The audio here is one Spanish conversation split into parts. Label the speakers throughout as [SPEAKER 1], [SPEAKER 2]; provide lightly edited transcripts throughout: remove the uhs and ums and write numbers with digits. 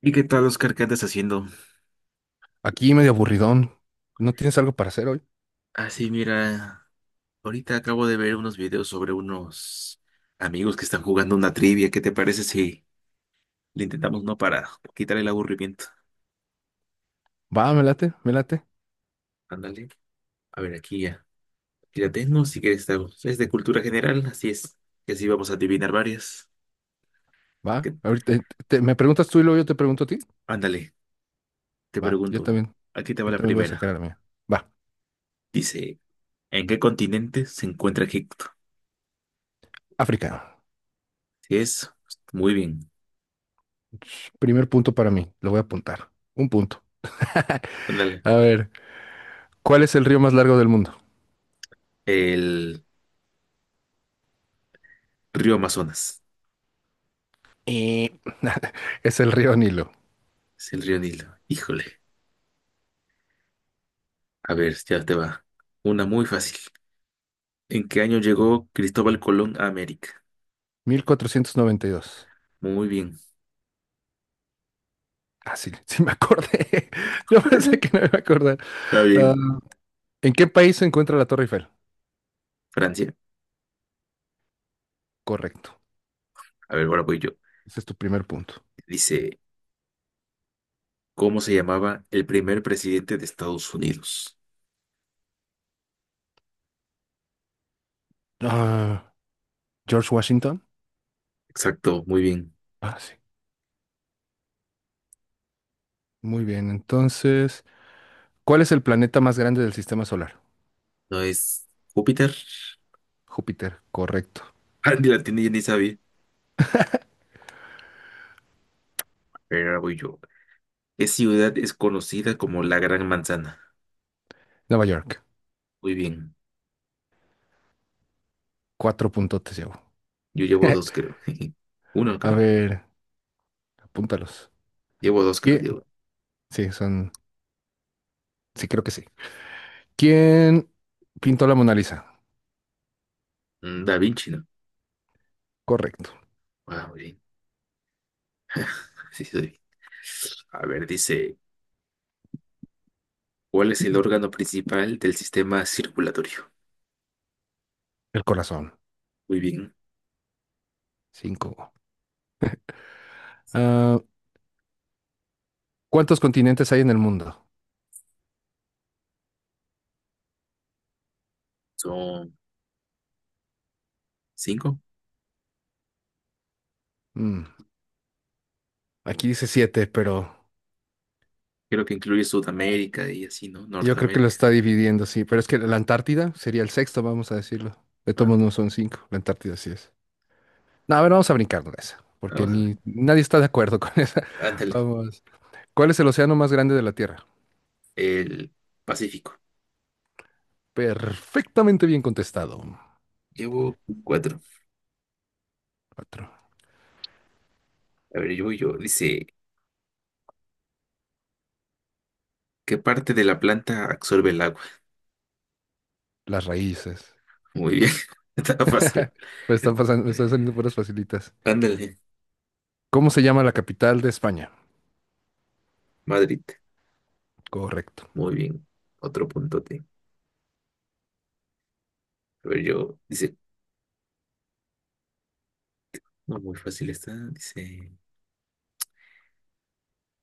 [SPEAKER 1] ¿Y qué tal, Oscar? ¿Qué andas haciendo?
[SPEAKER 2] Aquí medio aburridón. ¿No tienes algo para hacer hoy?
[SPEAKER 1] Ah, sí, mira, ahorita acabo de ver unos videos sobre unos amigos que están jugando una trivia. ¿Qué te parece si le intentamos no para quitar el aburrimiento?
[SPEAKER 2] Va, me late, me late.
[SPEAKER 1] Ándale. A ver, aquí ya. Aquí la tengo, si quieres. Es de cultura general, así es. Y así vamos a adivinar varias.
[SPEAKER 2] Va.
[SPEAKER 1] ¿Qué-
[SPEAKER 2] Ahorita me preguntas tú y luego yo te pregunto a ti.
[SPEAKER 1] Ándale, te
[SPEAKER 2] Va, yo
[SPEAKER 1] pregunto.
[SPEAKER 2] también.
[SPEAKER 1] Aquí te va
[SPEAKER 2] Yo
[SPEAKER 1] la
[SPEAKER 2] también voy a sacar a
[SPEAKER 1] primera.
[SPEAKER 2] la mía. Va,
[SPEAKER 1] Dice, ¿en qué continente se encuentra Egipto?
[SPEAKER 2] África.
[SPEAKER 1] Si es, pues, muy bien.
[SPEAKER 2] Ch, primer punto para mí. Lo voy a apuntar. Un punto.
[SPEAKER 1] Ándale.
[SPEAKER 2] A ver, ¿cuál es el río más largo del mundo?
[SPEAKER 1] El río Amazonas.
[SPEAKER 2] Eh, es el río Nilo.
[SPEAKER 1] Es el río Nilo. Híjole. A ver, ya te va. Una muy fácil. ¿En qué año llegó Cristóbal Colón a América?
[SPEAKER 2] 1492.
[SPEAKER 1] Muy bien.
[SPEAKER 2] Ah, sí, sí me acordé. Yo pensé que no me iba a acordar.
[SPEAKER 1] Está
[SPEAKER 2] Ah,
[SPEAKER 1] bien.
[SPEAKER 2] ¿en qué país se encuentra la Torre Eiffel?
[SPEAKER 1] Francia.
[SPEAKER 2] Correcto.
[SPEAKER 1] A ver, ahora voy yo.
[SPEAKER 2] Ese es tu primer punto.
[SPEAKER 1] Dice, ¿cómo se llamaba el primer presidente de Estados Unidos?
[SPEAKER 2] Ah, George Washington.
[SPEAKER 1] Exacto, muy bien.
[SPEAKER 2] Ah, sí. Muy bien, entonces, ¿cuál es el planeta más grande del sistema solar?
[SPEAKER 1] ¿No es Júpiter?
[SPEAKER 2] Júpiter, correcto.
[SPEAKER 1] Ah, ni la tiene, ya ni sabía. Pero ahora voy yo. ¿Qué ciudad es conocida como la Gran Manzana?
[SPEAKER 2] Nueva York,
[SPEAKER 1] Muy bien.
[SPEAKER 2] cuatro puntotes llevo.
[SPEAKER 1] Yo llevo dos, creo. Uno,
[SPEAKER 2] A
[SPEAKER 1] creo.
[SPEAKER 2] ver, apúntalos.
[SPEAKER 1] Llevo dos, creo.
[SPEAKER 2] ¿Quién?
[SPEAKER 1] Llevo.
[SPEAKER 2] Sí, son, sí, creo que sí. ¿Quién pintó la Mona Lisa?
[SPEAKER 1] Mm, Da Vinci, ¿no?
[SPEAKER 2] Correcto.
[SPEAKER 1] Ah, muy bien. Sí, sí, doy. A ver, dice, ¿cuál es el órgano principal del sistema circulatorio?
[SPEAKER 2] El corazón,
[SPEAKER 1] Muy bien,
[SPEAKER 2] cinco. Ah, ¿cuántos continentes hay en el mundo?
[SPEAKER 1] son cinco.
[SPEAKER 2] Mm, aquí dice siete, pero
[SPEAKER 1] Creo que incluye Sudamérica y así, ¿no?
[SPEAKER 2] yo creo que lo
[SPEAKER 1] Norteamérica.
[SPEAKER 2] está dividiendo, sí. Pero es que la Antártida sería el sexto, vamos a decirlo. De todos modos
[SPEAKER 1] Ande,
[SPEAKER 2] no son cinco, la Antártida sí es. No, a ver, vamos a brincar de esa, porque
[SPEAKER 1] vamos a ver.
[SPEAKER 2] ni nadie está de acuerdo con esa.
[SPEAKER 1] Ándale,
[SPEAKER 2] Vamos. ¿Cuál es el océano más grande de la Tierra?
[SPEAKER 1] el Pacífico.
[SPEAKER 2] Perfectamente bien contestado.
[SPEAKER 1] Llevo cuatro.
[SPEAKER 2] Cuatro.
[SPEAKER 1] A ver, yo. Dice, ¿qué parte de la planta absorbe el agua?
[SPEAKER 2] Las raíces.
[SPEAKER 1] Muy bien, está fácil.
[SPEAKER 2] Pues están pasando, me están saliendo puras facilitas.
[SPEAKER 1] Ándale,
[SPEAKER 2] ¿Cómo se llama la capital de España?
[SPEAKER 1] Madrid.
[SPEAKER 2] Correcto.
[SPEAKER 1] Muy bien, otro puntote. A ver, yo. Dice, no, muy fácil está. Dice,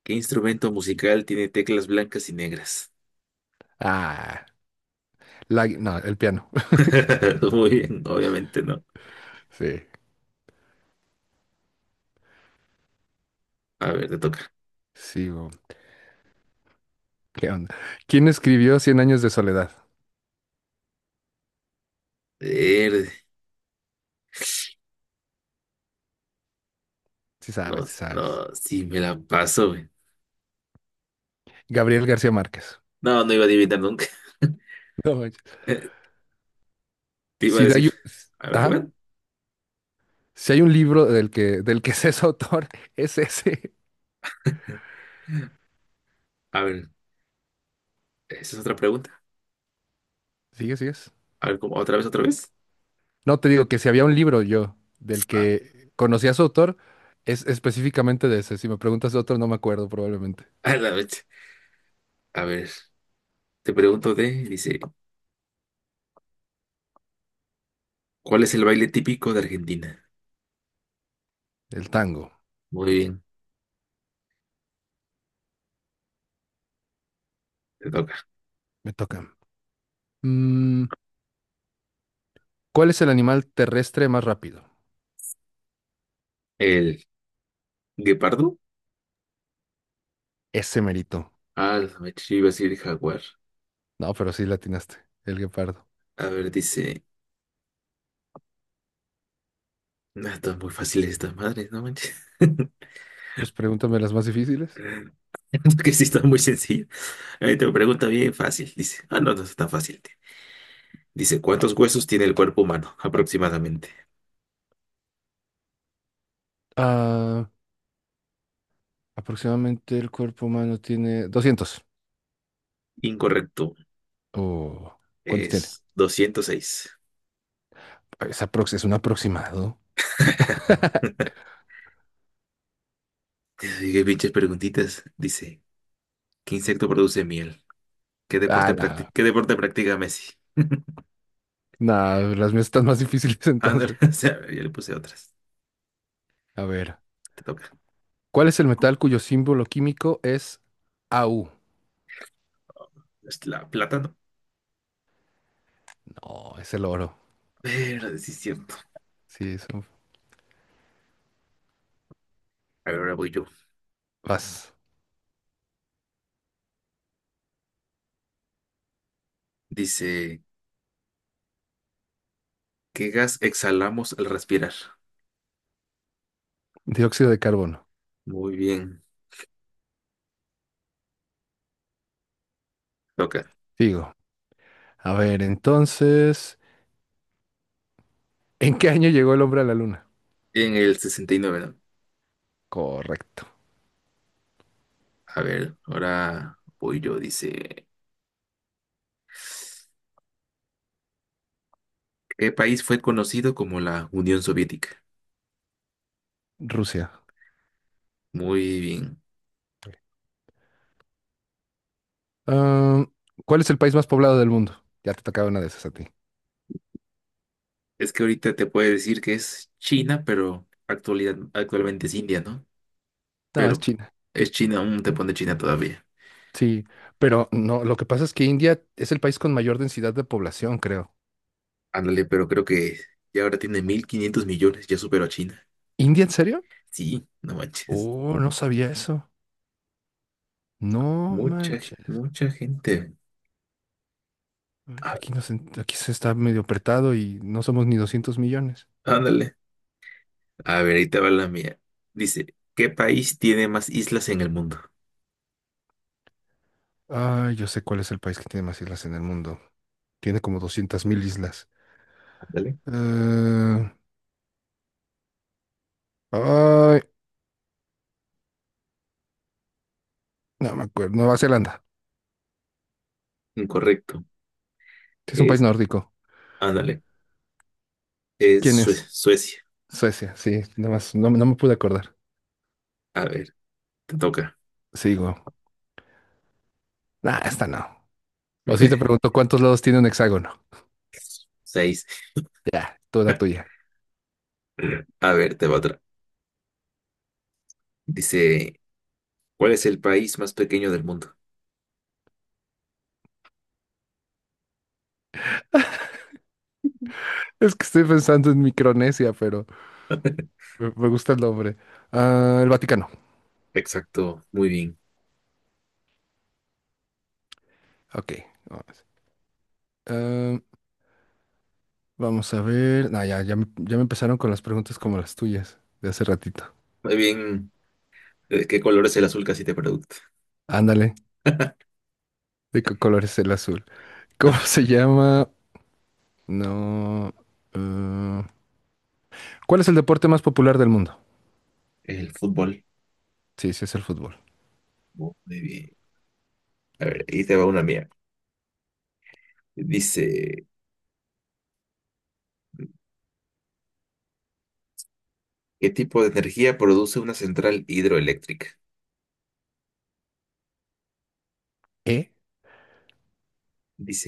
[SPEAKER 1] ¿qué instrumento musical tiene teclas blancas y negras?
[SPEAKER 2] Ah, la, no, el piano.
[SPEAKER 1] Muy bien, obviamente no.
[SPEAKER 2] Sí,
[SPEAKER 1] A ver, te toca.
[SPEAKER 2] sigo. ¿Qué onda? ¿Quién escribió Cien años de soledad?
[SPEAKER 1] Verde.
[SPEAKER 2] Sí
[SPEAKER 1] No,
[SPEAKER 2] sabes, sí sabes.
[SPEAKER 1] no, sí me la paso, güey.
[SPEAKER 2] Gabriel García Márquez.
[SPEAKER 1] No, no iba a adivinar nunca.
[SPEAKER 2] No manches.
[SPEAKER 1] Eh, Te iba a
[SPEAKER 2] Si de
[SPEAKER 1] decir,
[SPEAKER 2] ahí-
[SPEAKER 1] a ver qué
[SPEAKER 2] ajá.
[SPEAKER 1] van.
[SPEAKER 2] Si hay un libro del que se es autor, es ese.
[SPEAKER 1] A ver, esa es otra pregunta.
[SPEAKER 2] Sigue, ¿sigues?
[SPEAKER 1] A ver, ¿cómo? ¿Otra vez, otra vez?
[SPEAKER 2] No, te digo que si había un libro yo del
[SPEAKER 1] Ah,
[SPEAKER 2] que conocía a su autor, es específicamente de ese. Si me preguntas de otro, no me acuerdo probablemente.
[SPEAKER 1] a la vez. A ver, dice, ¿cuál es el baile típico de Argentina?
[SPEAKER 2] El tango.
[SPEAKER 1] Muy bien, te toca.
[SPEAKER 2] Me toca. Mm, ¿Cuál es el animal terrestre más rápido?
[SPEAKER 1] ¿El guepardo?
[SPEAKER 2] Ese merito.
[SPEAKER 1] Ah, la vez, yo iba a decir jaguar.
[SPEAKER 2] No, pero sí latinaste. El guepardo.
[SPEAKER 1] A ver, dice, no, está muy fácil estas madres, no manches.
[SPEAKER 2] Pues pregúntame las más difíciles.
[SPEAKER 1] que sí está muy sencillo. Ahí te pregunta bien fácil. Dice, ah, no, no está fácil. Tío. Dice, ¿cuántos huesos tiene el cuerpo humano aproximadamente?
[SPEAKER 2] Ah, aproximadamente el cuerpo humano tiene 200.
[SPEAKER 1] Incorrecto.
[SPEAKER 2] O ¿cuántos tiene?
[SPEAKER 1] Es 206.
[SPEAKER 2] Es un aproximado.
[SPEAKER 1] Ay, qué pinches preguntitas. Dice, ¿qué insecto produce miel? ¿Qué
[SPEAKER 2] Ah,
[SPEAKER 1] deporte practi-
[SPEAKER 2] nada.
[SPEAKER 1] qué deporte practica Messi?
[SPEAKER 2] Nada, las mías están más difíciles
[SPEAKER 1] Ah, no,
[SPEAKER 2] entonces.
[SPEAKER 1] o sea, ya le puse otras.
[SPEAKER 2] A ver.
[SPEAKER 1] Te toca.
[SPEAKER 2] ¿Cuál es el metal cuyo símbolo químico es AU?
[SPEAKER 1] Es la plátano.
[SPEAKER 2] No, es el oro.
[SPEAKER 1] Pero sí es cierto.
[SPEAKER 2] Sí, es un...
[SPEAKER 1] A ver, ahora voy yo.
[SPEAKER 2] Vas.
[SPEAKER 1] Dice, ¿qué gas exhalamos al respirar?
[SPEAKER 2] Dióxido de carbono.
[SPEAKER 1] Muy bien. Toca.
[SPEAKER 2] Digo. A ver, entonces, ¿en qué año llegó el hombre a la luna?
[SPEAKER 1] En el 69, ¿no?
[SPEAKER 2] Correcto.
[SPEAKER 1] A ver, ahora voy yo. Dice, ¿qué país fue conocido como la Unión Soviética?
[SPEAKER 2] Rusia.
[SPEAKER 1] Muy bien.
[SPEAKER 2] Ah, ¿cuál es el país más poblado del mundo? Ya te tocaba una de esas a ti.
[SPEAKER 1] Es que ahorita te puede decir que es China, pero actualmente es India, ¿no?
[SPEAKER 2] No, es
[SPEAKER 1] Pero
[SPEAKER 2] China.
[SPEAKER 1] es China, aún te pone China todavía.
[SPEAKER 2] Sí, pero no, lo que pasa es que India es el país con mayor densidad de población, creo.
[SPEAKER 1] Ándale, pero creo que ya ahora tiene 1.500 millones, ya superó a China.
[SPEAKER 2] ¿India en serio?
[SPEAKER 1] Sí, no manches.
[SPEAKER 2] Oh, no sabía eso. No
[SPEAKER 1] Mucha,
[SPEAKER 2] manches.
[SPEAKER 1] mucha gente.
[SPEAKER 2] Ay,
[SPEAKER 1] A
[SPEAKER 2] pues
[SPEAKER 1] ver,
[SPEAKER 2] Aquí se está medio apretado y no somos ni 200 millones.
[SPEAKER 1] ándale. A ver, ahí te va la mía. Dice, ¿qué país tiene más islas en el mundo?
[SPEAKER 2] Ah, yo sé cuál es el país que tiene más islas en el mundo. Tiene como 200 mil islas.
[SPEAKER 1] Ándale.
[SPEAKER 2] Eh, ay, no me acuerdo. Nueva Zelanda.
[SPEAKER 1] Incorrecto.
[SPEAKER 2] Sí, es un país nórdico.
[SPEAKER 1] Ándale, es
[SPEAKER 2] ¿Quién
[SPEAKER 1] Sue-
[SPEAKER 2] es?
[SPEAKER 1] Suecia.
[SPEAKER 2] Suecia. Sí, nada más. No, no me pude acordar.
[SPEAKER 1] A ver, te toca.
[SPEAKER 2] Sigo. Nah, esta no. O si te pregunto cuántos lados tiene un hexágono.
[SPEAKER 1] Seis.
[SPEAKER 2] Ya, toda tuya.
[SPEAKER 1] A ver, te va otra. Dice, ¿cuál es el país más pequeño del mundo?
[SPEAKER 2] Es que estoy pensando en Micronesia, pero me gusta el nombre. Ah, el Vaticano.
[SPEAKER 1] Exacto, muy bien.
[SPEAKER 2] Ok. Vamos a ver. No, ya, ya, ya me empezaron con las preguntas como las tuyas de hace ratito.
[SPEAKER 1] Muy bien. ¿De qué color es el azul casi te pregunto?
[SPEAKER 2] Ándale. ¿De qué color es el azul? ¿Cómo se llama? No. eh, ¿cuál es el deporte más popular del mundo?
[SPEAKER 1] El fútbol.
[SPEAKER 2] Sí, sí, es el fútbol.
[SPEAKER 1] Muy bien. A ver, ahí te va una mía. Dice, ¿qué tipo de energía produce una central hidroeléctrica?
[SPEAKER 2] ¿Eh?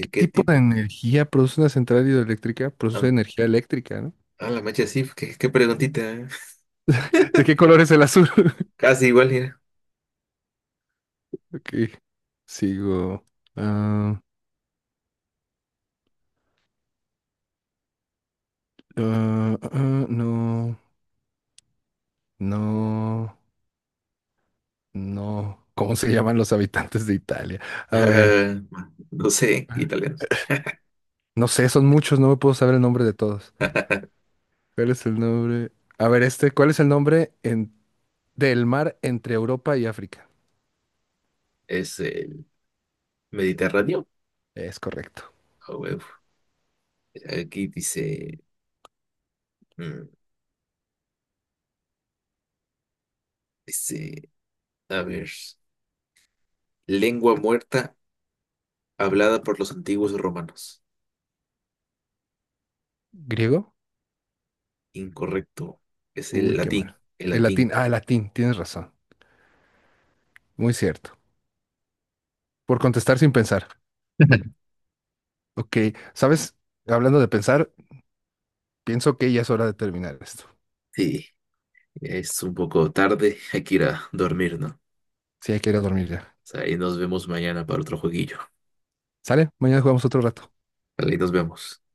[SPEAKER 2] ¿Qué
[SPEAKER 1] ¿qué
[SPEAKER 2] tipo
[SPEAKER 1] tipo?
[SPEAKER 2] de energía produce una central hidroeléctrica?
[SPEAKER 1] Ah,
[SPEAKER 2] Produce energía eléctrica, ¿no?
[SPEAKER 1] ah, la mecha sí, qué preguntita. ¿Eh?
[SPEAKER 2] ¿De qué color es el azul?
[SPEAKER 1] Casi igual, mira.
[SPEAKER 2] Ok, sigo. Ah, ah, ah, no, no, no. ¿Cómo se llaman los habitantes de Italia? A ver.
[SPEAKER 1] No sé, italiano.
[SPEAKER 2] No sé, son muchos, no me puedo saber el nombre de todos. ¿Cuál es el nombre? A ver, este, ¿cuál es el nombre del mar entre Europa y África?
[SPEAKER 1] Es el Mediterráneo.
[SPEAKER 2] Es correcto.
[SPEAKER 1] Ah, huevo. Aquí dice, mm, dice, a ver, lengua muerta hablada por los antiguos romanos.
[SPEAKER 2] ¿Griego?
[SPEAKER 1] Incorrecto, es el
[SPEAKER 2] Uy, qué mal.
[SPEAKER 1] latín, el
[SPEAKER 2] El
[SPEAKER 1] latín.
[SPEAKER 2] latín, ah, el latín, tienes razón. Muy cierto. Por contestar sin pensar. Ok, ¿sabes? Hablando de pensar, pienso que ya es hora de terminar esto.
[SPEAKER 1] Sí, es un poco tarde, hay que ir a dormir, ¿no? O
[SPEAKER 2] Sí, hay que ir a dormir ya.
[SPEAKER 1] sea, y nos vemos mañana para otro jueguillo.
[SPEAKER 2] ¿Sale? Mañana jugamos otro rato.
[SPEAKER 1] Vale, nos vemos.